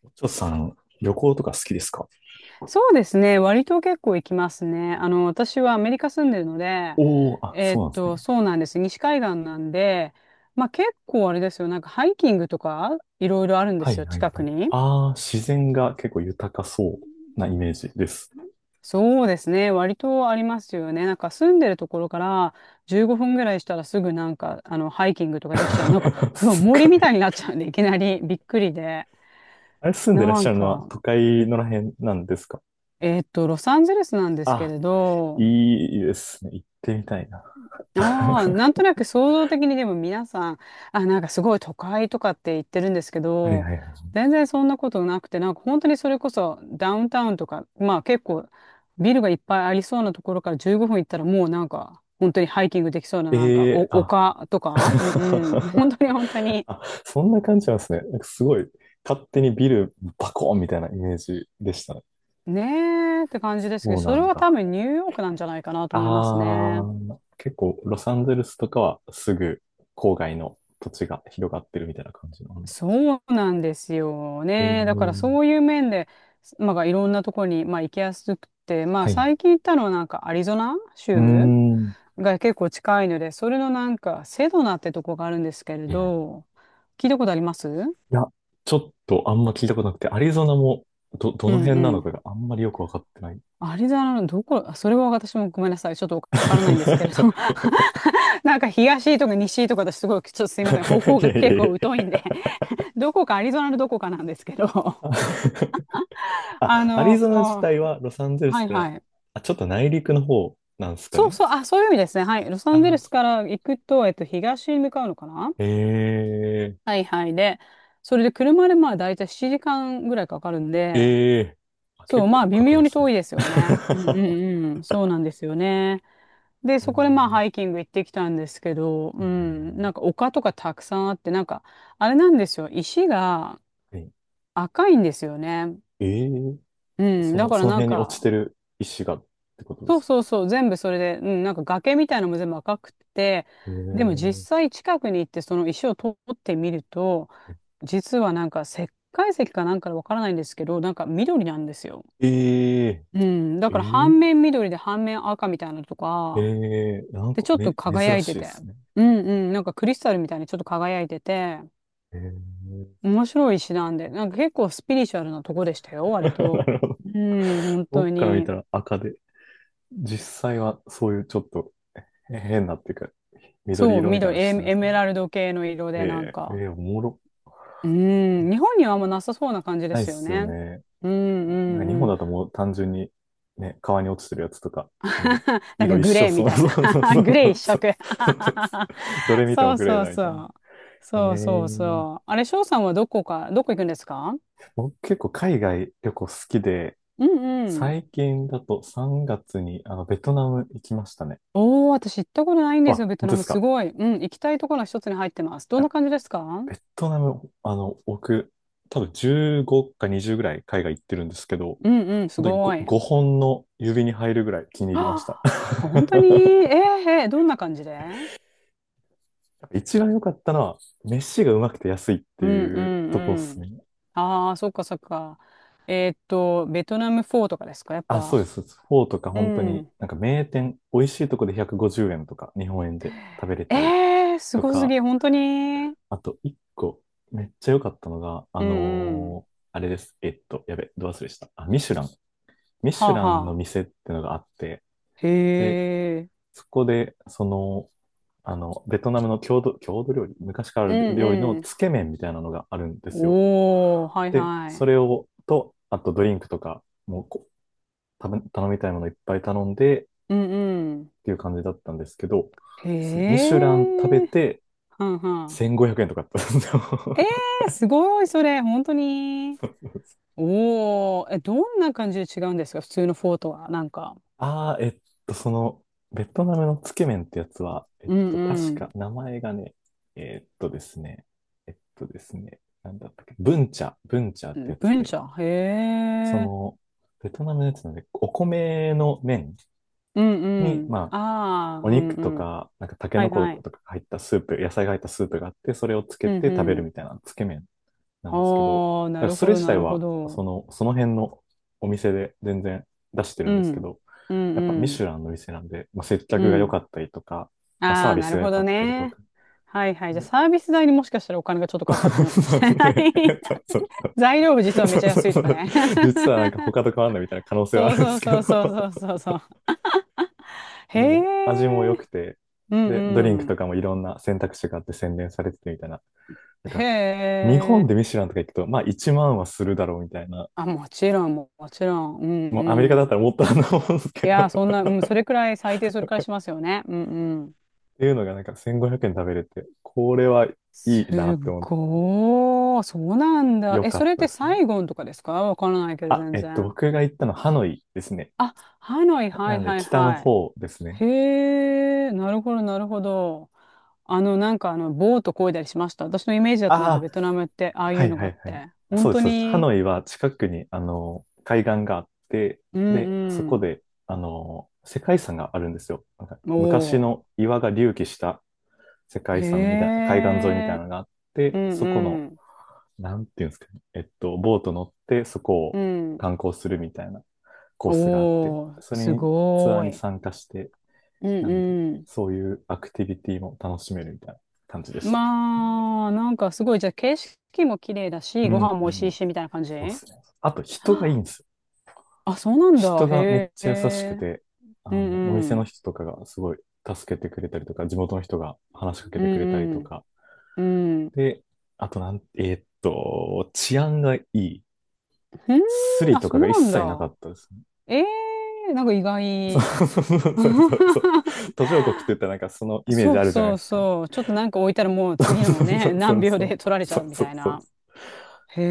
ちょっとさん、旅行とか好きですか？そうですね。割と結構行きますね。あの、私はアメリカ住んでるので、おおー、あ、そうなんですね。そうなんです。西海岸なんで、まあ結構あれですよ。なんかハイキングとかいろいろあるんではすいよ、はい近はくい。に。ああ、自然が結構豊かそうなイメージです。そうですね。割とありますよね。なんか住んでるところから15分ぐらいしたらすぐなんか、あの、ハイキングとかできちゃう。なんか、そうすご森みい。たいになっちゃうんで、いきなりびっくりで。あれ、住んでらっなしゃんるのはか、都会のらへんなんですか？ロサンゼルスなんですけあ、れど、いいですね。行ってみたいな。ああ、はなんとなく想像的にでも皆さん、あ、なんかすごい都会とかって言ってるんですけいはいど、はい。全然そんなことなくて、なんか本当にそれこそダウンタウンとか、まあ結構ビルがいっぱいありそうなところから15分行ったらもうなんか本当にハイキングできそうななんかえおえーあ、丘とか、うんうん、本当に本当 に、あ、そんな感じなんですね。なんかすごい、勝手にビルバコーンみたいなイメージでしたね。ねえって感じそですけど、うそなれんは多だ。分ニューヨークなんじゃないかなとあ思いますね。あ、結構ロサンゼルスとかはすぐ郊外の土地が広がってるみたいな感じなんだ。そうなんですよえね。だからそえ、ういう面で、まあ、いろんなとこに、まあ、行きやすくて、まあ、はいは最い。近行ったのはなんかアリゾナうー州ん。が結構近いので、それのなんかセドナってとこがあるんですけれはいはい。ど、聞いたことあります？いや、ちょっとあんま聞いたことなくて、アリゾナもどうのん辺うなのん。かがあんまりよくわかってない。いアリゾナのどこ、あそれは私もごめんなさい。ちょっとわからないんですけれど、なんか東とか西とか私すごい、ちょっとすいません。方や向いがや結構い疎や。いんで、どこかアリゾナのどこかなんですけど、ああ、アリの、ゾナ自は体はロサンゼルスいかはら、い。あ、ちょっと内陸の方なんですかそうね。そう、あ、そういう意味ですね。はい。ロサあンゼルスー、から行くと、東に向かうのかな？ええはいはい。で、それで車でまあ大体7時間ぐらいかかるんで、ええ、あ、そう、結まあ構微かか妙るんにですね。遠いですよね。うんう んうん。そうなんですよね。で、うそこでまあん、ハイキング行ってきたんですけど、はういはいん、なはんか丘とかたくさんあって、なんか、あれなんですよ。石がい。はい、赤いんですよね。ええ、うん。そだの、からそのなん辺に落ちか、てる石がってことでそうすそうか。そう、全部それで、うん、なんか崖みたいなのも全部赤くて、でも実え際近くに行ってその石を取ってみると、実はなんか石灰石かなんかわからないんですけど、なんか緑なんですよ。えうん、えだからえ半面緑で半面赤みたいなのとええか、ええ、なんで、かちょっとめ、輝珍いしていでて、すね。うんうん、なんかクリスタルみたいにちょっと輝いてて、ええ 面白い石なんで、なんか結構スピリチュアルなとこでしたよ、な割と。るほど。うん、本当僕から見たに。ら赤で、実際はそういうちょっと変なっていうか、緑そう、色みたい緑、なのしてエ、るんエですね。メラルド系の色で、なんえええか、え、おもろ。うん、日本にはあんまなさそうな感じでないっすよすよね。ね。うんうなんか日んう本ん。だともう単純にね、川に落ちてるやつとか、もう なん色か一グ緒、レーみそうたいそうな。そうそ グレーう一そう 色 どれ 見てそもうグレーそうだみたそいな。う。えそうそうー、そう。あれ、翔さんはどこか、どこ行くんですか？僕結構海外旅行好きで、うんうん。最近だと3月にあのベトナム行きましたね。おー、私行ったことないんあ、ですよ、ベト本ナ当でム。すすか。ごい。うん、行きたいところの一つに入ってます。いどんなや、感じですか？ベトナム、あの、僕、多分15か20ぐらい海外行ってるんですけど、うんうん、す本当に ごい。は 5, 本の指に入るぐらい気に入りました。あ、本当に？ えー、えーどんな感じで？一番良かったのは、飯がうまくて安いってうんういうとこっんうすん。ね。ああ、そっかそっか。ベトナムフォーとかですか、やっあ、そうぱ。です。フォーとかう本当に、ん。なんか名店、美味しいとこで150円とか、日本円で食べれたりえー、すとごすか、ぎ、本当に。あと一個、めっちゃ良かったのが、うんうん。あれです。やべ、ど忘れした。あ、ミシュラン。ミはシュあランはのあ。店ってのがあって、へで、え。そこで、その、あの、ベトナムの郷土料理、昔からあうるん料理のうん。つけ麺みたいなのがあるんですよ。おー、はいで、はそい。れを、と、あとドリンクとか、もうこう頼みたいものいっぱい頼んでっうんうん。ていう感じだったんですけど、そミへシュラン食べえ。てはんはん。1500円とかだったんですよ。えー、すごい、それ、本当に。おー、え、どんな感じで違うんですか、普通のフォーとは。なんか。あー、その、ベトナムのつけ麺ってやつは、えっうと、確かん名前がね、えっとですね、えっとですね、なんだったっけ、ブンチャっうてん。やつ文で、化。へそえ。の、ベトナムのやつなんで、お米の麺うんに、うまん。あ、ああ、うおん肉うとん。か、なんかタケはノいコはい。とか入ったスープ、野菜が入ったスープがあって、それをつけうんて食べうるみん。たいなつけ麺なんですけど、はあ、なだからるそほれど、自な体るほは、そど。の、その辺のお店で全然出してうるんですけん。ど、うんやっぱうミシュん。ランの店なんで、まあ、接う客が良ん。かったりとか、まあ、サあーあ、ビなスるが良ほかどったりとね。か。はいはい。じゃあ サービス代にもしかしたらお金がちょっとかかってるのかもそしうれない。 ね。そうそうそう。材料部実 はめそちゃうそ安ういそとかう。ね。 実はなんか他と変わんないみたいな可能 性はあそうるんでそすうけそうど。そうそう そうそう。へでも味も良え。くて、うんで、ドリンクうとん。かもいろんな選択肢があって宣伝されててみたいな、だへから、日本え。でミシュランとか行くと、まあ1万はするだろうみたいな。あ、もちろん、もちろん。うんもうアメリカうだったん。らもっとあると思うんですけいど。やー、そん っな、うん、それくらい、最低それくらいしますよね。うんうん。ていうのがなんか1500円食べれて、これはいすいなっって思って、ごー、そうなんだ。よえ、かそっれったでてすね。サイゴンとかですか？わからないけど、全然。僕が行ったのハノイですね。あ、ハノイ、はないんではい北のは方ですね。い。へえ、なるほど、なるほど。あの、なんかあの、ボート漕いだりしました。私のイメージだとなんかああ、ベトナムって、ああいはういのはがあっいはい。て。本そうで当す、そうです。ハに、ノイは近くに、あの、海岸があって、うで、そこんで、あの、世界遺産があるんですよ。なんかうん。昔おの岩が隆起した世ー、界遺産みたいな、へ海岸沿いみたいえ、なのがあっうて、んそこの、うん。なんていうんですかね、えっと、ボート乗ってそこうをん。観光するみたいなコースがあって、おー、それすにツアーごにーい。参加して、うんなんで、うん。そういうアクティビティも楽しめるみたいな感じでした。まあ、なんかすごい、じゃあ景色も綺麗だうし、ごん、飯も美う味しん。いし、みたいな感じ。そうですね。あと人がいいんですよ。あ、そうなんだ。人がめっへちゃ優しくえ。て、あうの、おん店うのん。人とかがすごい助けてくれたりとか、地元の人が話しかけうてくれたりとんか、うん。うん。で、あとなん、えーっと、治安がいい。ふースん、リあ、とそかうが一なん切なかだ。ったですね。ええ、なんか意そう外。そうそうそうそう。途上国って言ったらなんかそのイメーそジあうるじゃないそでうすか。そう。ちょっとなんか置いたらもうそ次うのそね、う何そう秒そでう。取られちそゃううみそたういそう。な。へ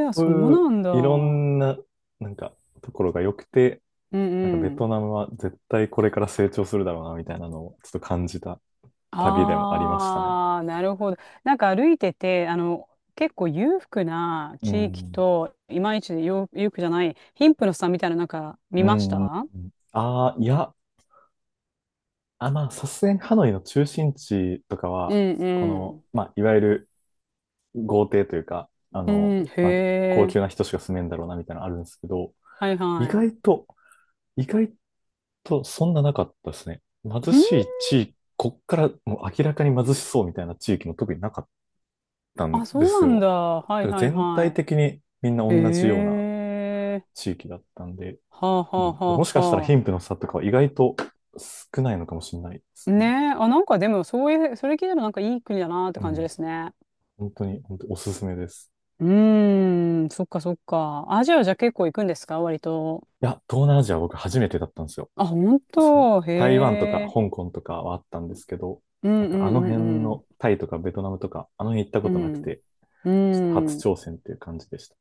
え、あ、そそうういうなんだ。いろうんんな、なんかところが良くて、うなんかベトん。ナムは絶対これから成長するだろうなみたいなのをちょっと感じた旅でもありましたね。ああ、なるほど。なんか歩いてて、あの、結構裕福なう地域ん。と、いまいちよ裕福じゃない、貧富の差みたいな、なんかう見ましん。うん、た？ああ、いや、あ、まあ、さすがにハノイの中心地とかうは、んこうの、ん、まあ、いわゆる豪邸というか、あうの、んへまあ、高え。級な人しか住めんだろうなみたいなのあるんですけど、はい意は外い。と、意外とそんななかったですね。う貧んしい地域、こっからもう明らかに貧しそうみたいな地域も特になかったんあ、でそすうなんよ。だ。はいだからはい全体はい。的にみんなへ同じようなえ。地域だったんで、はあはうあはん、もしかしたあらは貧富の差とかは意外と少ないのかもしれないであ。すねえ。ね。あ、なんかでも、そういう、それ聞いたらなんかいい国だなってう感じん、ですね。本当に、本当におすすめです。うーん、そっかそっか。アジアじゃ結構行くんですか割と。いや、東南アジアは僕初めてだったんですよ。あ、本そう、当、へ台湾とかえ。香港とかはあったんですけど、うんなんうかあのん辺うんのタイとかベトナムとか、あの辺行ったうことなくん。て、うちょっとん。う初ん。挑戦っていう感じでした。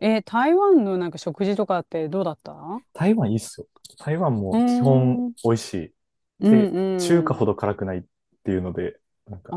え、台湾のなんか食事とかってどうだった？う台湾いいっすよ。台湾ーも基本ん。美味しい。うで、中ん華うほん。ど辛くないっていうので、なんかあ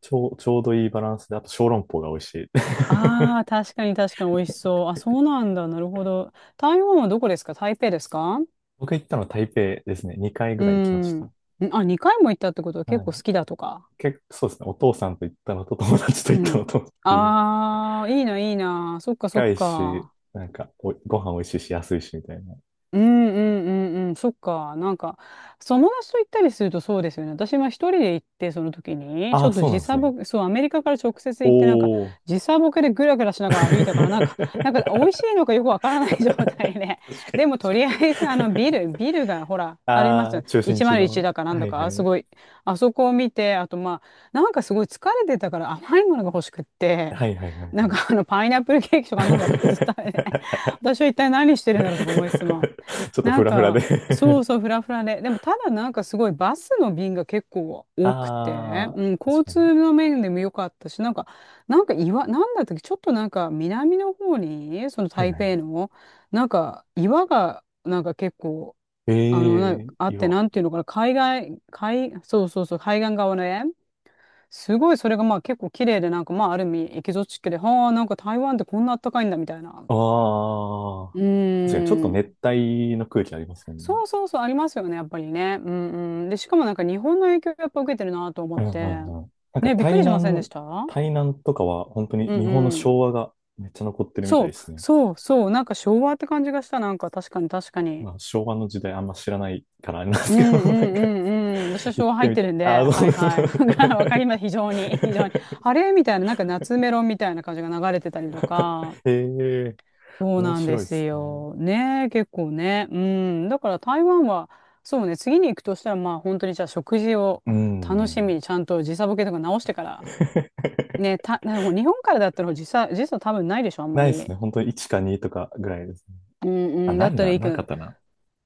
ちょう、ちょうどいいバランスで、あと小籠包が美味しい。ああ、確かに確かに美味しそう。あ、そうなんだ。なるほど。台湾はどこですか？台北ですか？ 僕行ったのは台北ですね。2回ぐうらい行きましん。た。んあ、2回も行ったってことは結はい。構好きだとか。結構そうですね。お父さんと行ったのと友達とう行ったのん。とっていう。ああ、いいな、いいな。そっかそっ近いし、か。なんかお、ご飯美味しいし安いしみたいな、うんうんうんうん、そっか。なんか、友達と行ったりするとそうですよね。私は一人で行って、その時に、ちあょあ、っとそうなん時です差ね。ボケ、そう、アメリカから直接お行って、なんか、お。時差ボケでぐらぐらし ながら歩いたから、なんか、なんか、美確味しいのかよくわからない状態で。かに、でも、とりあ確えず、あの、かビに。ル、ビルが、ほら、ありまああ、す。中心地101の。だかなんはだいはか、すい。ごい、あそこを見て、あと、まあ、なんかすごい疲れてたから甘いものが欲しくって、はいはいはいなはんい。か、あの、パイナップルケーキとかあんなのばっかりずっと食べて、私は一体何してるんだろうとか思いつつも。ちょっとなフんラフラで か、そ うそう、フラフラで。でも、ただなんかすごいバスの便が結構多くて、あうん、あ、確交かに。通の面でも良かったし、なんか、なんか岩、なんだったっけ、ちょっとなんか南の方に、そのはい台はい。北の、なんか岩が、なんか結構、えあの、なえ、あって、岩。なんていうのかな、海外、海、そうそうそう、海岸側ね。すごいそれがまあ結構綺麗で、なんかまあある意味エキゾチックで、はあ、なんか台湾ってこんなあったかいんだみたいな。あうあ、確かにちょっとー熱ん。帯の空気ありますもんね。そうそうそう、ありますよね、やっぱりね。うんうん。で、しかもなんか日本の影響やっぱ受けてるなと思うっんうて。んうん。なんかね、びっくりしませんでした？台南とかは本当にう日ん本のうん。昭和がめっちゃ残ってるみたそいう、ですね。そうそう、なんか昭和って感じがした、なんか確かに確かに。まあ、昭和の時代あんま知らないからあれなんでうすけど、んうなんんうか、んうん。私は行昭っ和て入っみてたい。るんで、あ、そはういです。はい。わ かります、非常に、非常に。あれみたいな、なんか夏メロみたいな感じが流れてたりとか。ええ、そう面なんで白いですすね。よ。ねえ、結構ね。うん。だから台湾は、そうね、次に行くとしたら、まあ本当にじゃあ食事をう楽しみん。にちゃんと時差ボケとか直してから。ね、た、なんかもう日本からだったら時差、時差多分ないでしょ、あんまないですり。ね。本当に1か2とかぐらいですね。うんあ、うん。なだっいたらな。いいけなかっど、たな。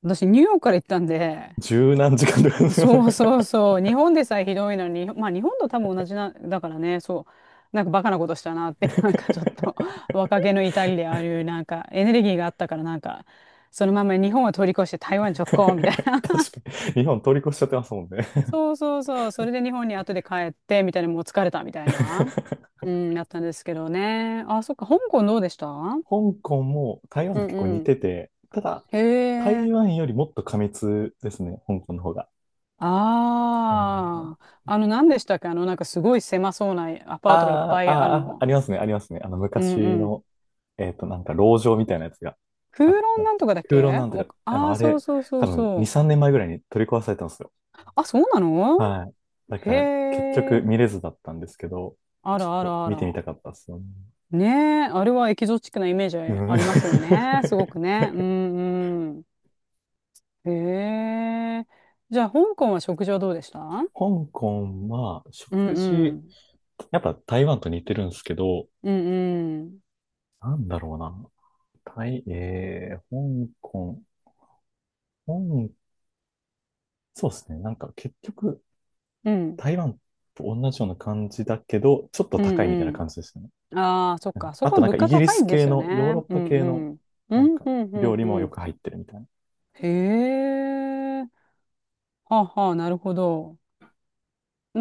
私ニューヨークから行ったんで、十何時間とかですよね。そうそうそう。日本でさえひどいのに、まあ日本と多分同じな、だからね、そう。なんかバカなことしたなって、なんかちょっと 若気の至りであるなんかエネルギーがあったから、なんか、そのまま日本を通り越して台湾直行みたいな。確かに。日本通り越しちゃってますもんね。そうそうそう。それで日本に後で帰って、みたいな、もう疲れたみたいな。うん、だったんですけどね。あ、そっか、香港どうでした？うん香港も台湾うと結構似ん。てて、ただ、へえ。台湾よりもっと過密ですね、香港の方が。うん、ああ。あの、何でしたっけあの、なんかすごい狭そうなアパートがいっあぱーいあるあー、あの。ありますね、ありますね。あの、うん昔うん。の、えっと、なんか、籠城みたいなやつが空あっ論た。なんとかだっ空論け？なんとおか、でああもー、あそうれ、そうそう多分、そ2、う。3年前ぐらいに取り壊されたんですよ。あ、そうなの？はい。だへから、結局え。見れずだったんですけど、あちらあょっとらあ見てみら。たかったですよね。ねえ、あれはエキゾチックなイメージうん。ありますよ ね。すごくね。うんうん。へえ。じゃあ、香港は食事はどうでした？うん香港は、う食事、ん。やっぱ台湾と似てるんですけど、うんうん。なんだろうな。台、えー、香港、香、そうですね。なんか結局、うん。台湾と同じような感じだけど、ちょっとう高いみたいなん感じですよね。うん。ああ、そっうん、か。そあことはなん物かイ価ギリ高いスんで系すよの、ヨーね。ロッうパん系の、うん。うなんんかうんう料ん理うもよん。く入ってるみたいな。へえ。はあはあ、なるほど。